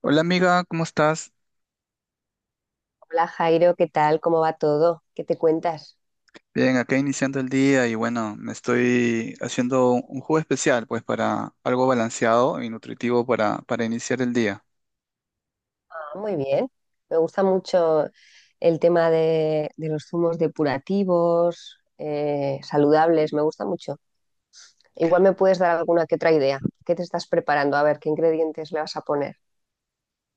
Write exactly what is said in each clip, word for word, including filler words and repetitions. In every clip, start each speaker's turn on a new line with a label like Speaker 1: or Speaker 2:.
Speaker 1: Hola amiga, ¿cómo estás?
Speaker 2: Hola Jairo, ¿qué tal? ¿Cómo va todo? ¿Qué te cuentas?
Speaker 1: Bien, acá iniciando el día y bueno, me estoy haciendo un un jugo especial, pues para algo balanceado y nutritivo para, para iniciar el día.
Speaker 2: Ah, muy bien. Me gusta mucho el tema de, de los zumos depurativos, eh, saludables, me gusta mucho. Igual me puedes dar alguna que otra idea. ¿Qué te estás preparando? A ver, ¿qué ingredientes le vas a poner?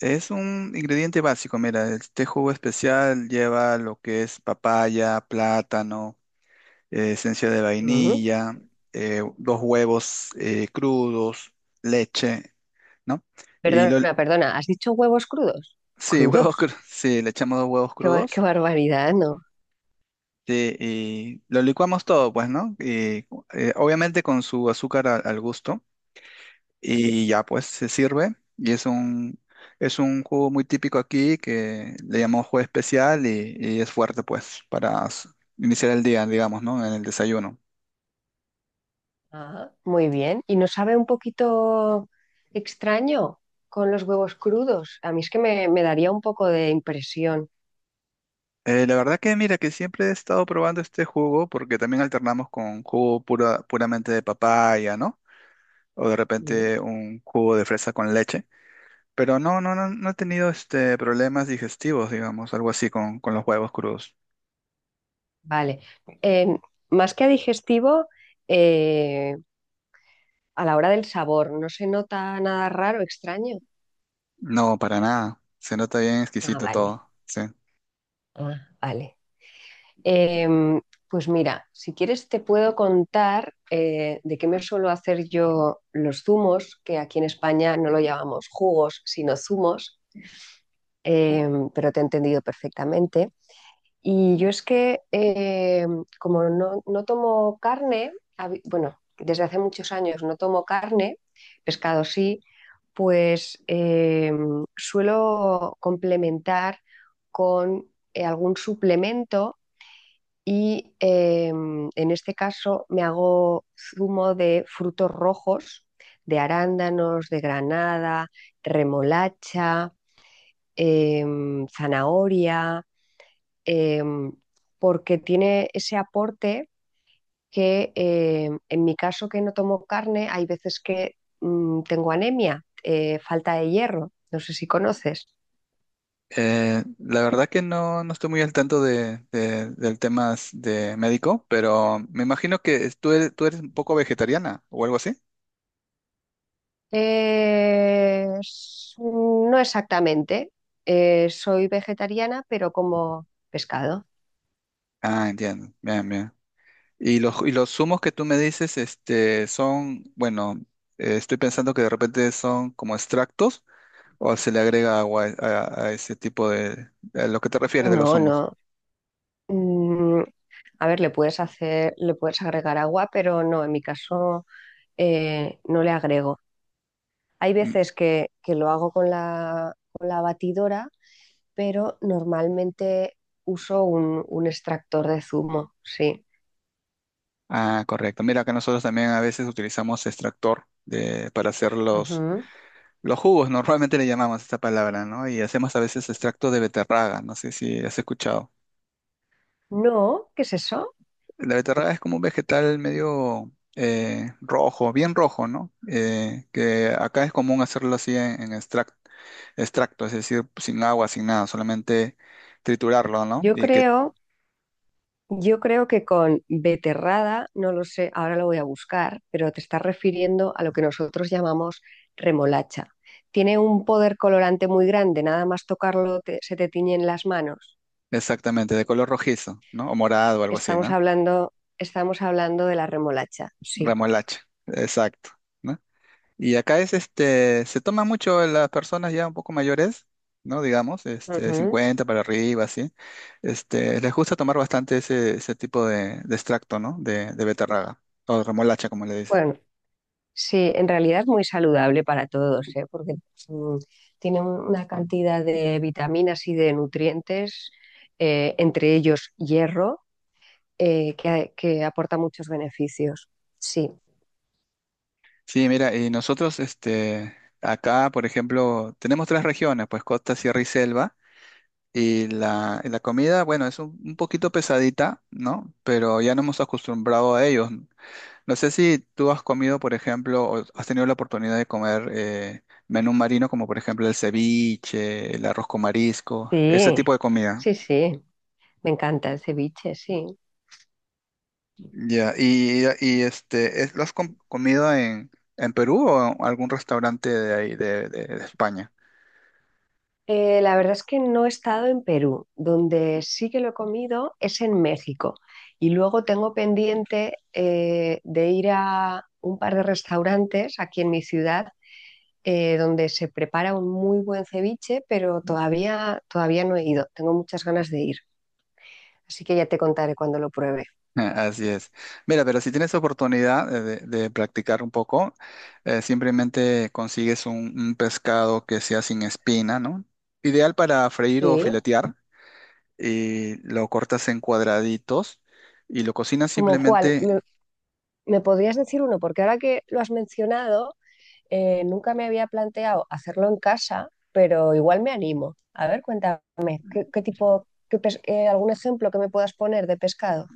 Speaker 1: Es un ingrediente básico, mira, este jugo especial lleva lo que es papaya, plátano, eh, esencia de
Speaker 2: Ujú.
Speaker 1: vainilla, eh, dos huevos eh, crudos, leche, ¿no? Y lo,
Speaker 2: Perdona, perdona, ¿has dicho huevos crudos?
Speaker 1: sí, huevos
Speaker 2: ¿Crudos?
Speaker 1: crudos, sí, le echamos dos huevos
Speaker 2: Qué, bar- qué
Speaker 1: crudos.
Speaker 2: barbaridad, ¿no?
Speaker 1: Sí, y lo licuamos todo, pues, ¿no? Y, eh, obviamente con su azúcar a- al gusto y ya, pues, se sirve y es un, es un jugo muy típico aquí que le llamamos jugo especial y, y es fuerte, pues, para s- iniciar el día, digamos, ¿no? En el desayuno.
Speaker 2: Ah, muy bien. ¿Y no sabe un poquito extraño con los huevos crudos? A mí es que me me daría un poco de impresión.
Speaker 1: Eh, la verdad que, mira, que siempre he estado probando este jugo porque también alternamos con jugo pura, puramente de papaya, ¿no? O de
Speaker 2: Mm.
Speaker 1: repente un jugo de fresa con leche. Pero no, no, no, no he tenido este problemas digestivos, digamos, algo así con, con los huevos crudos.
Speaker 2: Vale. Em, Más que a digestivo, eh, a la hora del sabor, ¿no se nota nada raro, extraño?
Speaker 1: No, para nada. Se nota bien
Speaker 2: Ah,
Speaker 1: exquisito
Speaker 2: vale.
Speaker 1: todo. Sí.
Speaker 2: Ah, vale. Em, pues mira, si quieres te puedo contar eh, de qué me suelo hacer yo los zumos, que aquí en España no lo llamamos jugos, sino zumos, em, pero te he entendido perfectamente. Y yo es que, eh, como no, no tomo carne, hab- bueno, desde hace muchos años no tomo carne, pescado sí, pues eh, suelo complementar con eh, algún suplemento y eh, en este caso me hago zumo de frutos rojos, de arándanos, de granada, remolacha, em, zanahoria, em, porque tiene ese aporte que, em, en mi caso que no tomo carne, hay veces que, mm, tengo anemia, eh, falta de hierro, no sé si conoces.
Speaker 1: Eh, la verdad que no, no estoy muy al tanto de, de- del tema de médico, pero me imagino que es- tú eres, tú eres un poco vegetariana o algo así.
Speaker 2: Eh, s- no exactamente. Eh, soy vegetariana, pero como pescado.
Speaker 1: Ah, entiendo. Bien, bien. Y los, y los zumos que tú me dices, este, son, bueno, eh, estoy pensando que de repente son como extractos o se le agrega agua a, a ese tipo de, a lo que te refieres de los
Speaker 2: No,
Speaker 1: humos.
Speaker 2: no. Mm, a ver, le puedes hacer, le puedes agregar agua, pero no, en mi caso eh, no le agrego. Hay
Speaker 1: Mm.
Speaker 2: veces que, que lo hago con la, con la batidora, pero normalmente uso un, un extractor de zumo, sí.
Speaker 1: Ah, correcto. Mira que nosotros también a veces utilizamos extractor de, para hacer los,
Speaker 2: Ujú.
Speaker 1: los jugos, normalmente le llamamos esta palabra, ¿no? Y hacemos a veces extracto de beterraga, no sé si has escuchado.
Speaker 2: No, ¿qué es eso?
Speaker 1: La beterraga es como un vegetal medio eh, rojo, bien rojo, ¿no? Eh, que acá es común hacerlo así en, en extrac- extracto, es decir, sin agua, sin nada, solamente triturarlo, ¿no?
Speaker 2: Yo
Speaker 1: Y que
Speaker 2: creo, yo creo que con beterrada, no lo sé, ahora lo voy a buscar, pero te estás refiriendo a lo que nosotros llamamos remolacha. Tiene un poder colorante muy grande, nada más tocarlo te- se te tiñen las manos.
Speaker 1: exactamente, de color rojizo, ¿no? O morado o algo así,
Speaker 2: Estamos
Speaker 1: ¿no?
Speaker 2: hablando, estamos hablando de la remolacha, sí.
Speaker 1: Remolacha, exacto, ¿no? Y acá es este, se toma mucho en las personas ya un poco mayores, ¿no? Digamos, este,
Speaker 2: Ujú.
Speaker 1: cincuenta para arriba, así. Este, les gusta tomar bastante ese, ese tipo de, de extracto, ¿no? De, de beterraga, o remolacha, como le dicen.
Speaker 2: Bueno, sí, en realidad es muy saludable para todos, ¿eh? Porque, mm, tiene un- una cantidad de vitaminas y de nutrientes, eh, entre ellos hierro, eh, que, que aporta muchos beneficios. Sí,
Speaker 1: Sí, mira, y nosotros, este, acá, por ejemplo, tenemos tres regiones, pues costa, sierra y selva. Y la, y la comida, bueno, es un, un poquito pesadita, ¿no? Pero ya no hemos acostumbrado a ellos. No sé si tú has comido, por ejemplo, o has tenido la oportunidad de comer eh, menú marino, como por ejemplo el ceviche, el arroz con marisco, ese
Speaker 2: sí,
Speaker 1: tipo de comida.
Speaker 2: sí, sí, me encanta el ceviche, sí.
Speaker 1: Ya. Y, y este, ¿es- lo has com- comido en, en Perú o en algún restaurante de ahí, de, de de España?
Speaker 2: Eh, la verdad es que no he estado en Perú, donde sí que lo he comido es en México. Y luego tengo pendiente eh, de ir a un par de restaurantes aquí en mi ciudad eh, donde se prepara un muy buen ceviche, pero todavía, todavía no he ido. Tengo muchas ganas de ir. Así que ya te contaré cuando lo pruebe.
Speaker 1: Así es. Mira, pero si tienes oportunidad eh, de, de practicar un poco, eh, simplemente consigues un, un pescado que sea sin espina, ¿no? Ideal para freír o
Speaker 2: Sí.
Speaker 1: filetear y lo cortas en cuadraditos y lo cocinas
Speaker 2: ¿Como cuál?
Speaker 1: simplemente.
Speaker 2: ¿Me, ¿me podrías decir uno? Porque ahora que lo has mencionado, eh, nunca me había planteado hacerlo en casa, pero igual me animo. A ver, cuéntame, ¿qué, qué tipo, qué pes- eh, algún ejemplo que me puedas poner de pescado?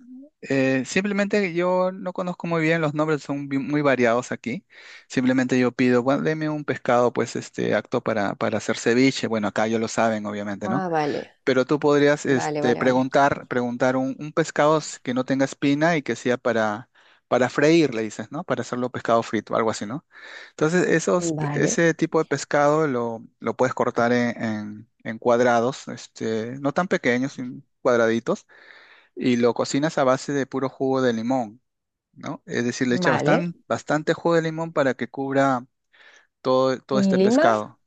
Speaker 1: eh, simplemente Yo no conozco muy bien, los nombres son bi- muy variados aquí. Simplemente yo pido, bueno, deme un pescado pues este acto para, para hacer ceviche. Bueno, acá ya lo saben, obviamente, ¿no?
Speaker 2: Ah, vale,
Speaker 1: Pero tú podrías
Speaker 2: vale,
Speaker 1: este,
Speaker 2: vale, vale.
Speaker 1: preguntar, preguntar un, un pescado s- que no tenga espina y que sea para, para freír, le dices, ¿no? Para hacerlo pescado frito, algo así, ¿no? Entonces, esos,
Speaker 2: Vale,
Speaker 1: ese tipo de pescado lo, lo puedes cortar en, en- en cuadrados, este, no tan pequeños, sino cuadraditos, y lo cocinas a base de puro jugo de limón, ¿no? Es decir, le echas
Speaker 2: vale.
Speaker 1: bastante, bastante jugo de limón para que cubra todo, todo
Speaker 2: ¿Y
Speaker 1: este
Speaker 2: Lima?
Speaker 1: pescado.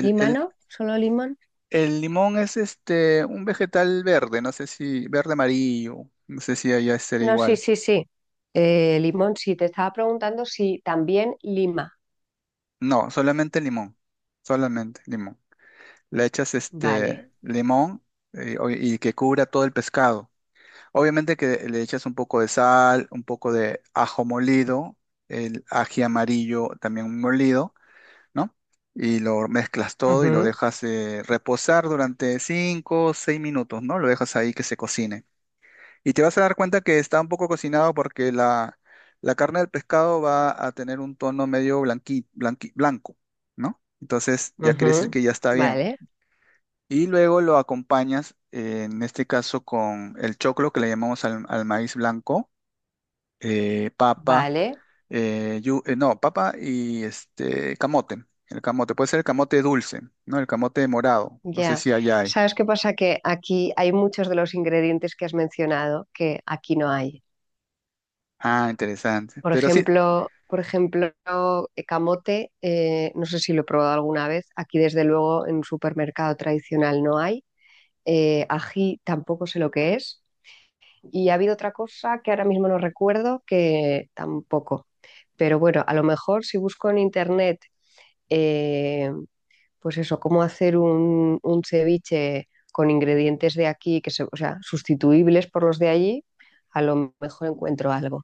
Speaker 2: ¿Lima no? ¿Solo Lima?
Speaker 1: El limón es este un vegetal verde, no sé si verde amarillo, no sé si allá será
Speaker 2: No, sí,
Speaker 1: igual.
Speaker 2: sí, sí. Eh, limón, sí, te estaba preguntando si también Lima.
Speaker 1: No, solamente limón, solamente limón. Le echas
Speaker 2: Vale.
Speaker 1: este limón eh, o- y que cubra todo el pescado. Obviamente que le echas un poco de sal, un poco de ajo molido, el ají amarillo también molido, ¿no? Y lo mezclas todo y lo
Speaker 2: Ujú,
Speaker 1: dejas eh, reposar durante cinco, o seis minutos, ¿no? Lo dejas ahí que se cocine. Y te vas a dar cuenta que está un poco cocinado porque la, la carne del pescado va a tener un tono medio blanqui, blanqui- blanco, ¿no? Entonces ya quiere decir
Speaker 2: ujú.
Speaker 1: que ya está bien.
Speaker 2: Vale,
Speaker 1: Y luego lo acompañas, eh, en este caso, con el choclo que le llamamos al, al maíz blanco, eh, papa,
Speaker 2: vale.
Speaker 1: eh, yu- eh, no, papa y este camote. El camote puede ser el camote dulce, ¿no? El camote morado. No sé
Speaker 2: Ya.
Speaker 1: si allá hay.
Speaker 2: ¿Sabes qué pasa? Que aquí hay muchos de los ingredientes que has mencionado que aquí no hay.
Speaker 1: Ah, interesante.
Speaker 2: Por
Speaker 1: Pero sí.
Speaker 2: ejemplo, por ejemplo, eh, camote, eh, no sé si lo he probado alguna vez. Aquí, desde luego, en un supermercado tradicional no hay. Eh, ají tampoco sé lo que es. Y ha habido otra cosa que ahora mismo no recuerdo que tampoco. Pero bueno, a lo mejor si busco en internet, eh, pues eso, cómo hacer un, un ceviche con ingredientes de aquí, que se, o sea, sustituibles por los de allí, a lo mejor encuentro algo.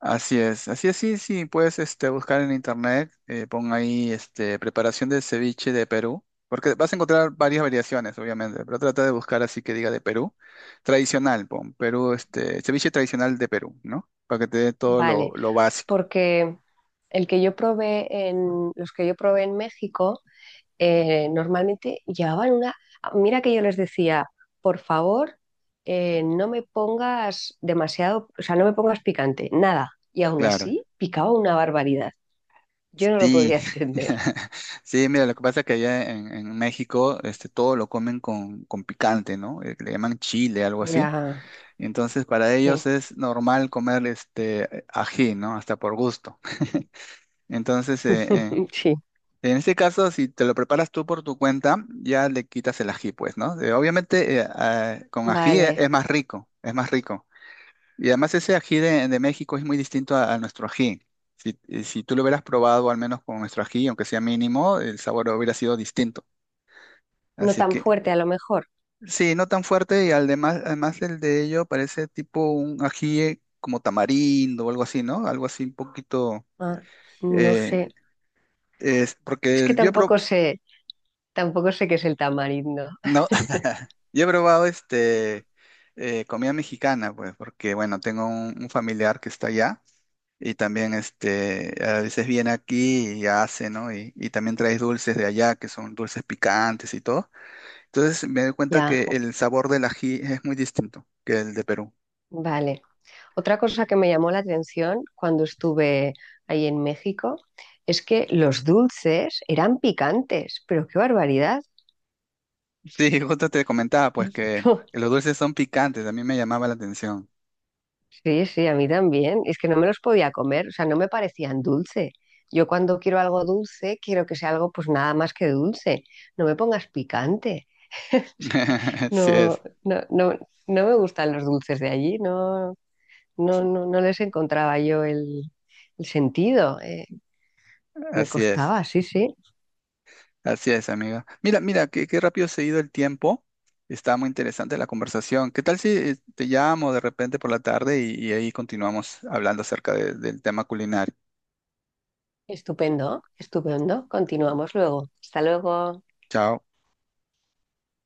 Speaker 1: Así es, así es, sí, sí, puedes este, buscar en internet, eh, pon ahí este, preparación de ceviche de Perú, porque vas a encontrar varias variaciones, obviamente, pero trata de buscar así que diga de Perú, tradicional, pon Perú, este, ceviche tradicional de Perú, ¿no? Para que te dé todo lo,
Speaker 2: Vale,
Speaker 1: lo básico,
Speaker 2: porque el que yo probé en, los que yo probé en México eh, normalmente llevaban una... Mira que yo les decía, por favor, eh, no me pongas demasiado, o sea, no me pongas picante, nada. Y aún
Speaker 1: claro.
Speaker 2: así, picaba una barbaridad. Yo no lo
Speaker 1: Sí,
Speaker 2: podía entender.
Speaker 1: sí, mira, lo que pasa es que allá en, en México este, todo lo comen con, con picante, ¿no? Eh, que le llaman chile, algo así.
Speaker 2: Ya,
Speaker 1: Entonces, para ellos
Speaker 2: sí,
Speaker 1: es normal comer este ají, ¿no? Hasta por gusto. Entonces, eh, eh,
Speaker 2: sí.
Speaker 1: en este caso, si te lo preparas tú por tu cuenta, ya le quitas el ají, pues, ¿no? Eh, obviamente, eh, ah, con ají e-
Speaker 2: Vale.
Speaker 1: es más rico, es más rico. Y además ese ají de, de México es muy distinto a, a nuestro ají. Si, eh, si tú lo hubieras probado al menos con nuestro ají, aunque sea mínimo, el sabor hubiera sido distinto.
Speaker 2: No
Speaker 1: Así
Speaker 2: tan
Speaker 1: que
Speaker 2: fuerte a lo mejor.
Speaker 1: sí, no tan fuerte y además, además el de ello parece tipo un ají como tamarindo o algo así, ¿no? Algo así un poquito,
Speaker 2: Ah, no sé.
Speaker 1: eh, es
Speaker 2: Es
Speaker 1: porque
Speaker 2: que
Speaker 1: el- yo he probado,
Speaker 2: tampoco sé, tampoco sé qué es el tamarindo.
Speaker 1: no, yo he probado este, eh, comida mexicana, pues, porque bueno, tengo un, un familiar que está allá y también este, a veces viene aquí y hace, ¿no? Y, y también traes dulces de allá que son dulces picantes y todo. Entonces me doy cuenta
Speaker 2: Ya,
Speaker 1: que el sabor del ají es muy distinto que el de Perú.
Speaker 2: vale. Otra cosa que me llamó la atención cuando estuve ahí en México es que los dulces eran picantes, pero qué barbaridad.
Speaker 1: Sí, justo te comentaba pues que los dulces son picantes, a mí me llamaba la atención.
Speaker 2: Sí, sí, a mí también. Es que no me los podía comer, o sea, no me parecían dulce. Yo cuando quiero algo dulce, quiero que sea algo pues nada más que dulce. No me pongas picante.
Speaker 1: Así
Speaker 2: No,
Speaker 1: es,
Speaker 2: no, no, no me gustan los dulces de allí, no, no, no, no les encontraba yo el, el sentido. eh, Me
Speaker 1: así es,
Speaker 2: costaba, sí, sí.
Speaker 1: así es, amiga. Mira, mira, qué, qué rápido se ha ido el tiempo. Está muy interesante la conversación. ¿Qué tal si eh, te llamo de repente por la tarde y, y ahí continuamos hablando acerca de- del tema culinario?
Speaker 2: Estupendo, estupendo. Continuamos luego. Hasta luego.
Speaker 1: Chao.